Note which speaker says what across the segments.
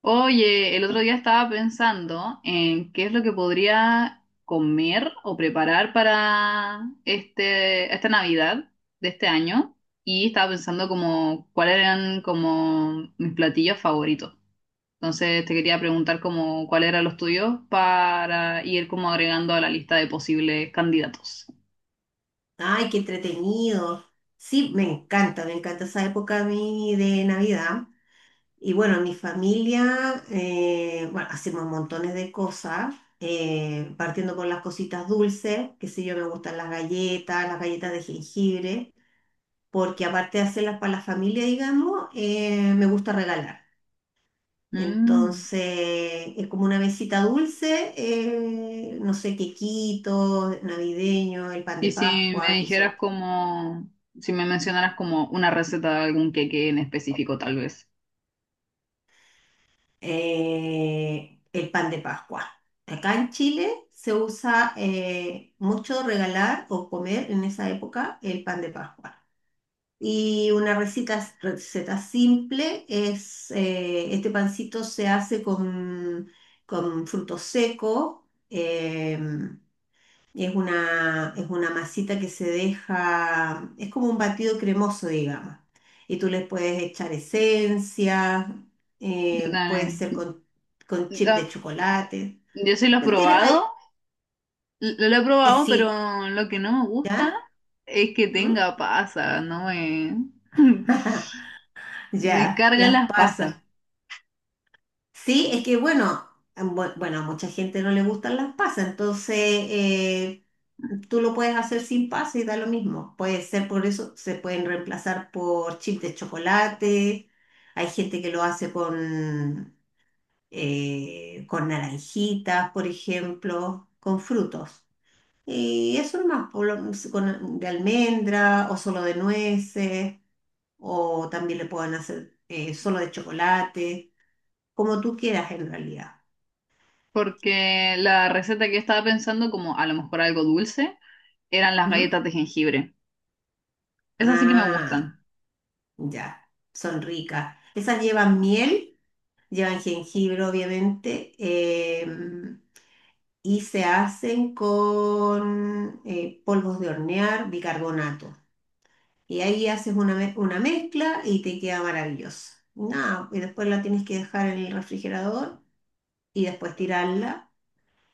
Speaker 1: Oye, el otro día estaba pensando en qué es lo que podría comer o preparar para esta Navidad de este año, y estaba pensando como cuáles eran como mis platillos favoritos. Entonces te quería preguntar como cuáles eran los tuyos para ir como agregando a la lista de posibles candidatos.
Speaker 2: Ay, qué entretenido. Sí, me encanta esa época a mí de Navidad. Y bueno, mi familia, hacemos montones de cosas, partiendo por las cositas dulces, que sé yo, me gustan las galletas de jengibre, porque aparte de hacerlas para la familia, digamos, me gusta regalar.
Speaker 1: Mm.
Speaker 2: Entonces, es como una mesita dulce, no sé, quequitos navideños, el pan
Speaker 1: Y
Speaker 2: de
Speaker 1: si me
Speaker 2: Pascua, que son
Speaker 1: dijeras como, si me mencionaras como una receta de algún queque en específico, tal vez.
Speaker 2: el pan de Pascua. Acá en Chile se usa mucho regalar o comer en esa época el pan de Pascua. Y una receta simple es, este pancito se hace con frutos secos, em, es es una masita que se deja, es como un batido cremoso, digamos. Y tú le puedes echar esencia, puede
Speaker 1: Dale.
Speaker 2: ser con chip de
Speaker 1: Ah,
Speaker 2: chocolate.
Speaker 1: yo sí lo he
Speaker 2: Él tiene, ay,
Speaker 1: probado, lo he probado,
Speaker 2: sí,
Speaker 1: pero lo que no me gusta
Speaker 2: ¿ya?
Speaker 1: es que
Speaker 2: ¿Mm?
Speaker 1: tenga pasas, no me... Me
Speaker 2: Ya,
Speaker 1: cargan
Speaker 2: las
Speaker 1: las pasas,
Speaker 2: pasas. Sí, es que bueno, bueno, a mucha gente no le gustan las pasas, entonces tú lo puedes hacer sin pasas y da lo mismo. Puede ser por eso, se pueden reemplazar por chips de chocolate, hay gente que lo hace con naranjitas, por ejemplo, con frutos. Y eso nomás, con, de almendra o solo de nueces, o también le pueden hacer solo de chocolate, como tú quieras en realidad.
Speaker 1: porque la receta que yo estaba pensando, como a lo mejor algo dulce, eran las
Speaker 2: ¿Mm?
Speaker 1: galletas de jengibre. Esas sí que me
Speaker 2: Ah,
Speaker 1: gustan,
Speaker 2: ya, son ricas. Esas llevan miel, llevan jengibre, obviamente, em, y se hacen con polvos de hornear, bicarbonato. Y ahí haces una mezcla y te queda maravilloso. Nada, y después la tienes que dejar en el refrigerador y después tirarla.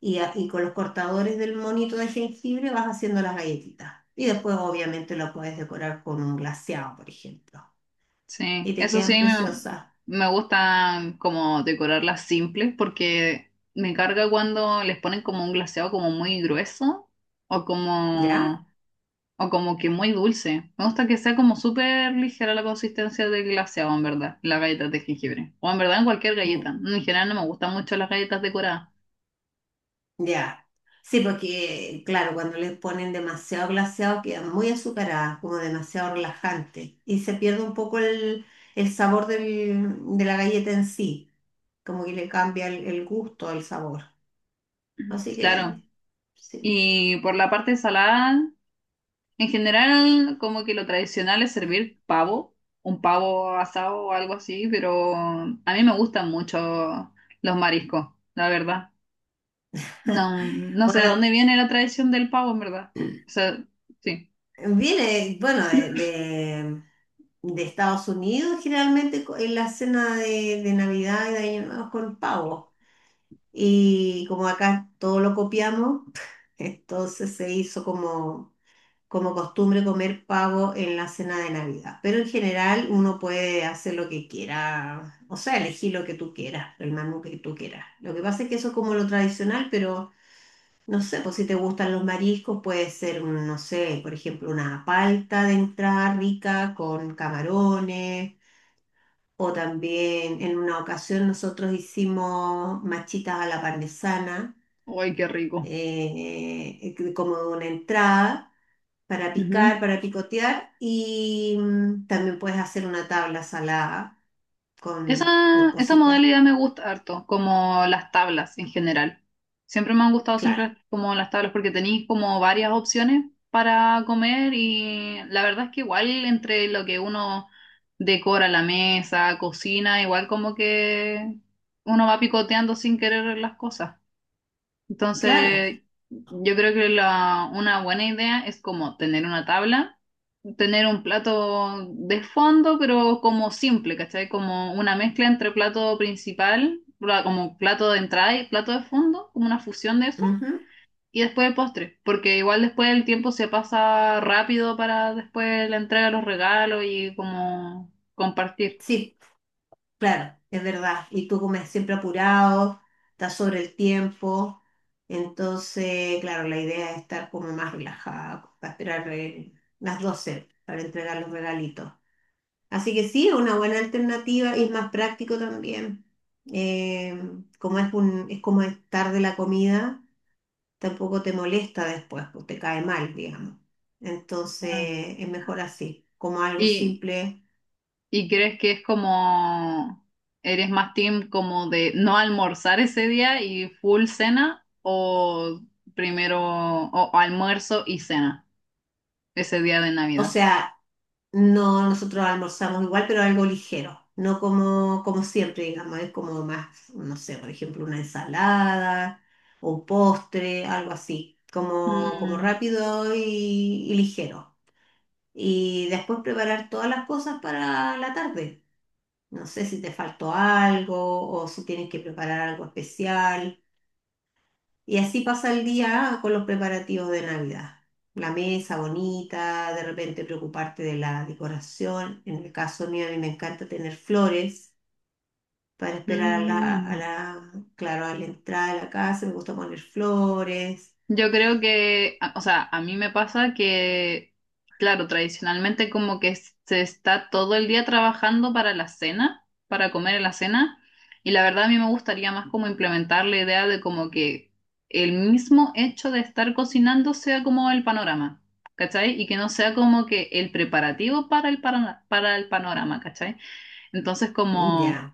Speaker 2: Y con los cortadores del monito de jengibre vas haciendo las galletitas. Y después, obviamente, lo puedes decorar con un glaseado, por ejemplo.
Speaker 1: sí.
Speaker 2: Y te
Speaker 1: Eso sí
Speaker 2: quedan preciosas,
Speaker 1: me gustan como decorarlas simples, porque me carga cuando les ponen como un glaseado como muy grueso o
Speaker 2: ¿ya?
Speaker 1: como, o como que muy dulce. Me gusta que sea como súper ligera la consistencia del glaseado, en verdad, las galletas de jengibre. O en verdad en cualquier
Speaker 2: Mm.
Speaker 1: galleta. En general no me gustan mucho las galletas decoradas.
Speaker 2: Ya. Sí, porque, claro, cuando le ponen demasiado glaseado quedan muy azucaradas, como demasiado relajantes, y se pierde un poco el, de la galleta en sí, como que le cambia el gusto, el sabor.
Speaker 1: Ujú.
Speaker 2: Así
Speaker 1: Claro.
Speaker 2: que, sí.
Speaker 1: Y por la parte salada, en general como que lo tradicional es servir pavo, un pavo asado o algo así, pero a mí me gustan mucho los mariscos, la verdad. No sé de
Speaker 2: Bueno,
Speaker 1: dónde viene la tradición del pavo, en verdad. O sea, sí.
Speaker 2: viene, bueno, de Estados Unidos, generalmente en la cena de Navidad y de Año Nuevo con pavo. Y como acá todo lo copiamos, entonces se hizo como, como costumbre comer pavo en la cena de Navidad. Pero en general uno puede hacer lo que quiera, o sea, elegir lo que tú quieras, el menú que tú quieras. Lo que pasa es que eso es como lo tradicional, pero no sé, pues si te gustan los mariscos, puede ser, un, no sé, por ejemplo, una palta de entrada rica con camarones. O también en una ocasión nosotros hicimos machitas a la parmesana
Speaker 1: Uy, qué rico.
Speaker 2: como una entrada para picar,
Speaker 1: Ujú.
Speaker 2: para picotear y mm, también puedes hacer una tabla salada con
Speaker 1: Esa
Speaker 2: cositas.
Speaker 1: modalidad me gusta harto, como las tablas en general. Siempre me han gustado
Speaker 2: Claro,
Speaker 1: siempre como las tablas porque tenéis como varias opciones para comer, y la verdad es que igual entre lo que uno decora la mesa, cocina, igual como que uno va picoteando sin querer las cosas.
Speaker 2: claro.
Speaker 1: Entonces, yo creo que una buena idea es como tener una tabla, tener un plato de fondo, pero como simple, ¿cachai? Como una mezcla entre plato principal, como plato de entrada y plato de fondo, como una fusión de eso,
Speaker 2: Ujú.
Speaker 1: y después el postre, porque igual después el tiempo se pasa rápido para después la entrega de los regalos y como compartir.
Speaker 2: Sí, claro, es verdad. Y tú comes siempre apurado, estás sobre el tiempo. Entonces, claro, la idea es estar como más relajada para esperar las 12 para entregar los regalitos. Así que sí, es una buena alternativa y es más práctico también. Eh, como es un, es como estar de la comida, tampoco te molesta después, pues te cae mal, digamos.
Speaker 1: Mm.
Speaker 2: Entonces, es mejor así, como algo
Speaker 1: Y,
Speaker 2: simple.
Speaker 1: ¿y crees que es como, eres más team como de no almorzar ese día y full cena, o primero o almuerzo y cena ese día de
Speaker 2: O
Speaker 1: Navidad?
Speaker 2: sea, no nosotros almorzamos igual, pero algo ligero. No como, como siempre, digamos, es como más, no sé, por ejemplo, una ensalada o un postre, algo así, como, como
Speaker 1: Mm,
Speaker 2: rápido y ligero. Y después preparar todas las cosas para la tarde. No sé si te faltó algo o si tienes que preparar algo especial. Y así pasa el día con los preparativos de Navidad. La mesa bonita, de repente preocuparte de la decoración. En el caso mío, a mí me encanta tener flores para esperar a
Speaker 1: mm.
Speaker 2: claro, a la entrada de la casa. Me gusta poner flores.
Speaker 1: Yo creo que, o sea, a mí me pasa que, claro, tradicionalmente como que se está todo el día trabajando para la cena, para comer en la cena, y la verdad a mí me gustaría más como implementar la idea de como que el mismo hecho de estar cocinando sea como el panorama, ¿cachai? Y que no sea como que el preparativo para para el panorama, ¿cachai? Entonces como
Speaker 2: Ya,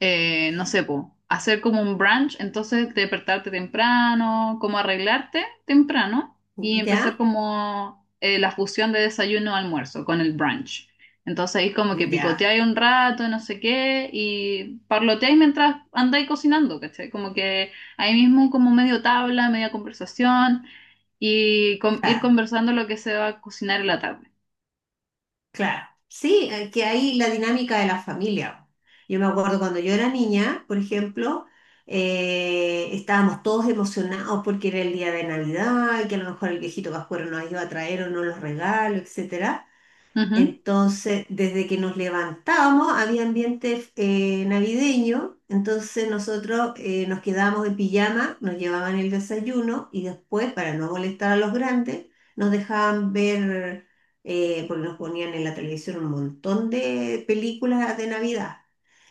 Speaker 1: no sé, po, hacer como un brunch, entonces despertarte temprano, como arreglarte temprano y empezar
Speaker 2: ya,
Speaker 1: como la fusión de desayuno-almuerzo con el brunch. Entonces ahí como que
Speaker 2: ya.
Speaker 1: picoteáis un rato, no sé qué, y parloteáis mientras andáis cocinando, ¿cachai? Como que ahí mismo como medio tabla, media conversación y ir
Speaker 2: Claro.
Speaker 1: conversando lo que se va a cocinar en la tarde.
Speaker 2: Claro, sí, que hay la dinámica de la familia. Yo me acuerdo cuando yo era niña, por ejemplo, estábamos todos emocionados porque era el día de Navidad y que a lo mejor el viejito Pascuero nos iba a traer o no los regalos, etcétera.
Speaker 1: Ujú.
Speaker 2: Entonces, desde que nos levantábamos había ambiente navideño, entonces nosotros nos quedábamos en pijama, nos llevaban el desayuno y después, para no molestar a los grandes, nos dejaban ver, porque nos ponían en la televisión un montón de películas de Navidad.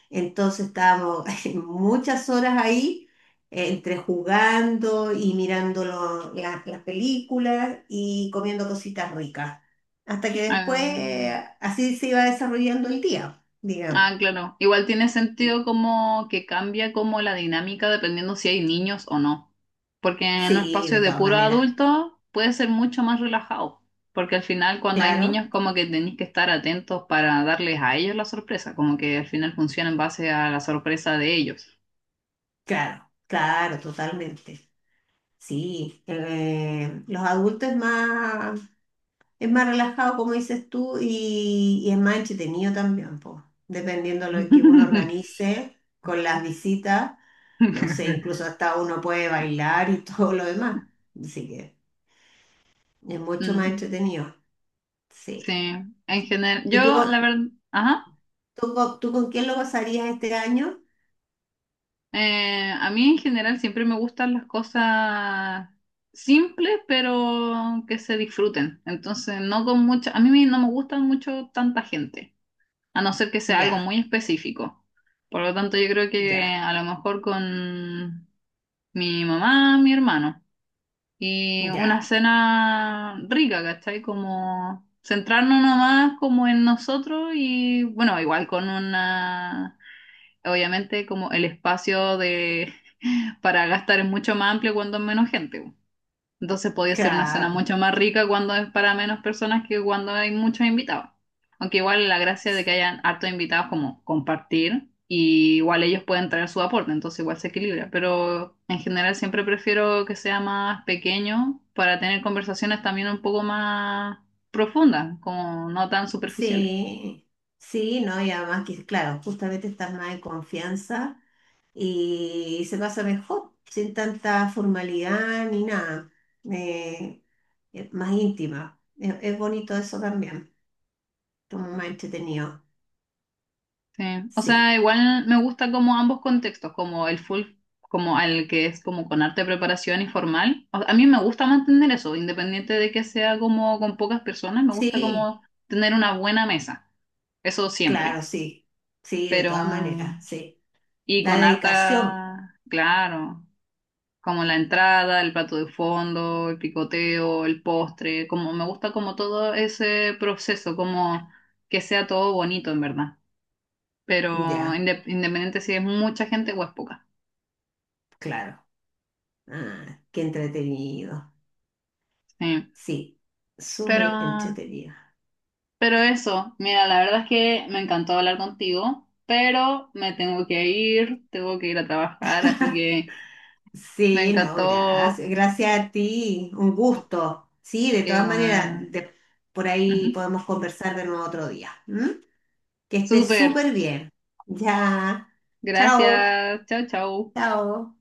Speaker 2: Entonces estábamos muchas horas ahí, entre jugando y mirando las películas y comiendo cositas ricas. Hasta que después
Speaker 1: Ah,
Speaker 2: así se iba desarrollando el día, digamos.
Speaker 1: ah, claro. Igual tiene sentido como que cambia como la dinámica dependiendo si hay niños o no. Porque en un
Speaker 2: Sí,
Speaker 1: espacio
Speaker 2: de
Speaker 1: de
Speaker 2: todas
Speaker 1: puro
Speaker 2: maneras.
Speaker 1: adulto puede ser mucho más relajado. Porque al final cuando hay niños
Speaker 2: Claro,
Speaker 1: como que tenéis que estar atentos para darles a ellos la sorpresa. Como que al final funciona en base a la sorpresa de ellos.
Speaker 2: claro, claro, totalmente. Sí, los adultos es más, es más relajado, como dices tú, y es más entretenido también, pues, dependiendo de lo que uno organice con las visitas, no sé, incluso hasta uno puede bailar y todo lo demás. Así que es mucho más
Speaker 1: Mm,
Speaker 2: entretenido,
Speaker 1: sí,
Speaker 2: sí.
Speaker 1: en general. Yo
Speaker 2: ¿Y tú,
Speaker 1: la verdad... Ajá.
Speaker 2: tú con quién lo pasarías este año?
Speaker 1: A mí en general siempre me gustan las cosas simples, pero que se disfruten. Entonces, no con mucha, a mí no me gustan mucho tanta gente, a no ser que sea algo
Speaker 2: Ya,
Speaker 1: muy específico. Por lo tanto, yo creo que
Speaker 2: ya,
Speaker 1: a lo mejor con mi mamá, mi hermano, y
Speaker 2: ya,
Speaker 1: una cena rica, ¿cachai? Como centrarnos nomás como en nosotros y bueno, igual con una, obviamente como el espacio de para gastar es mucho más amplio cuando es menos gente. Po. Entonces podía ser una cena
Speaker 2: claro.
Speaker 1: mucho más rica cuando es para menos personas que cuando hay muchos invitados. Aunque igual la gracia de que hayan hartos invitados, como compartir y igual ellos pueden traer su aporte, entonces igual se equilibra. Pero en general siempre prefiero que sea más pequeño para tener conversaciones también un poco más profundas, como no tan superficiales.
Speaker 2: Sí, sí, ¿no? Y además que, claro, justamente estás más en confianza. Y se pasa mejor, sin tanta formalidad ni nada, eh, es más íntima. Es bonito eso también, como más entretenido.
Speaker 1: Sí, o
Speaker 2: Sí,
Speaker 1: sea, igual me gusta como ambos contextos, como el full, como al que es como con arte de preparación y formal. A mí me gusta mantener eso, independiente de que sea como con pocas personas, me gusta
Speaker 2: sí,
Speaker 1: como tener una buena mesa, eso siempre.
Speaker 2: claro, sí, sí, de
Speaker 1: Pero,
Speaker 2: todas maneras, sí.
Speaker 1: y
Speaker 2: La
Speaker 1: con
Speaker 2: dedicación,
Speaker 1: harta, claro, como la entrada, el plato de fondo, el picoteo, el postre, como me gusta como todo ese proceso, como que sea todo bonito en verdad, pero
Speaker 2: ya,
Speaker 1: independiente si es mucha gente o es poca.
Speaker 2: claro. Ah, qué entretenido,
Speaker 1: Sí.
Speaker 2: sí,
Speaker 1: Pero,
Speaker 2: súper entretenido.
Speaker 1: pero eso, mira, la verdad es que me encantó hablar contigo, pero me tengo que ir a trabajar, así que me
Speaker 2: Sí, no,
Speaker 1: encantó.
Speaker 2: gracias. Gracias a ti. Un gusto. Sí, de
Speaker 1: Que,
Speaker 2: todas maneras,
Speaker 1: bueno,
Speaker 2: de- por ahí
Speaker 1: ujú.
Speaker 2: podemos conversar de nuevo otro día. ¿M? Que estés
Speaker 1: Súper,
Speaker 2: súper bien. Ya. Chao.
Speaker 1: gracias, chao, chao.
Speaker 2: Chao.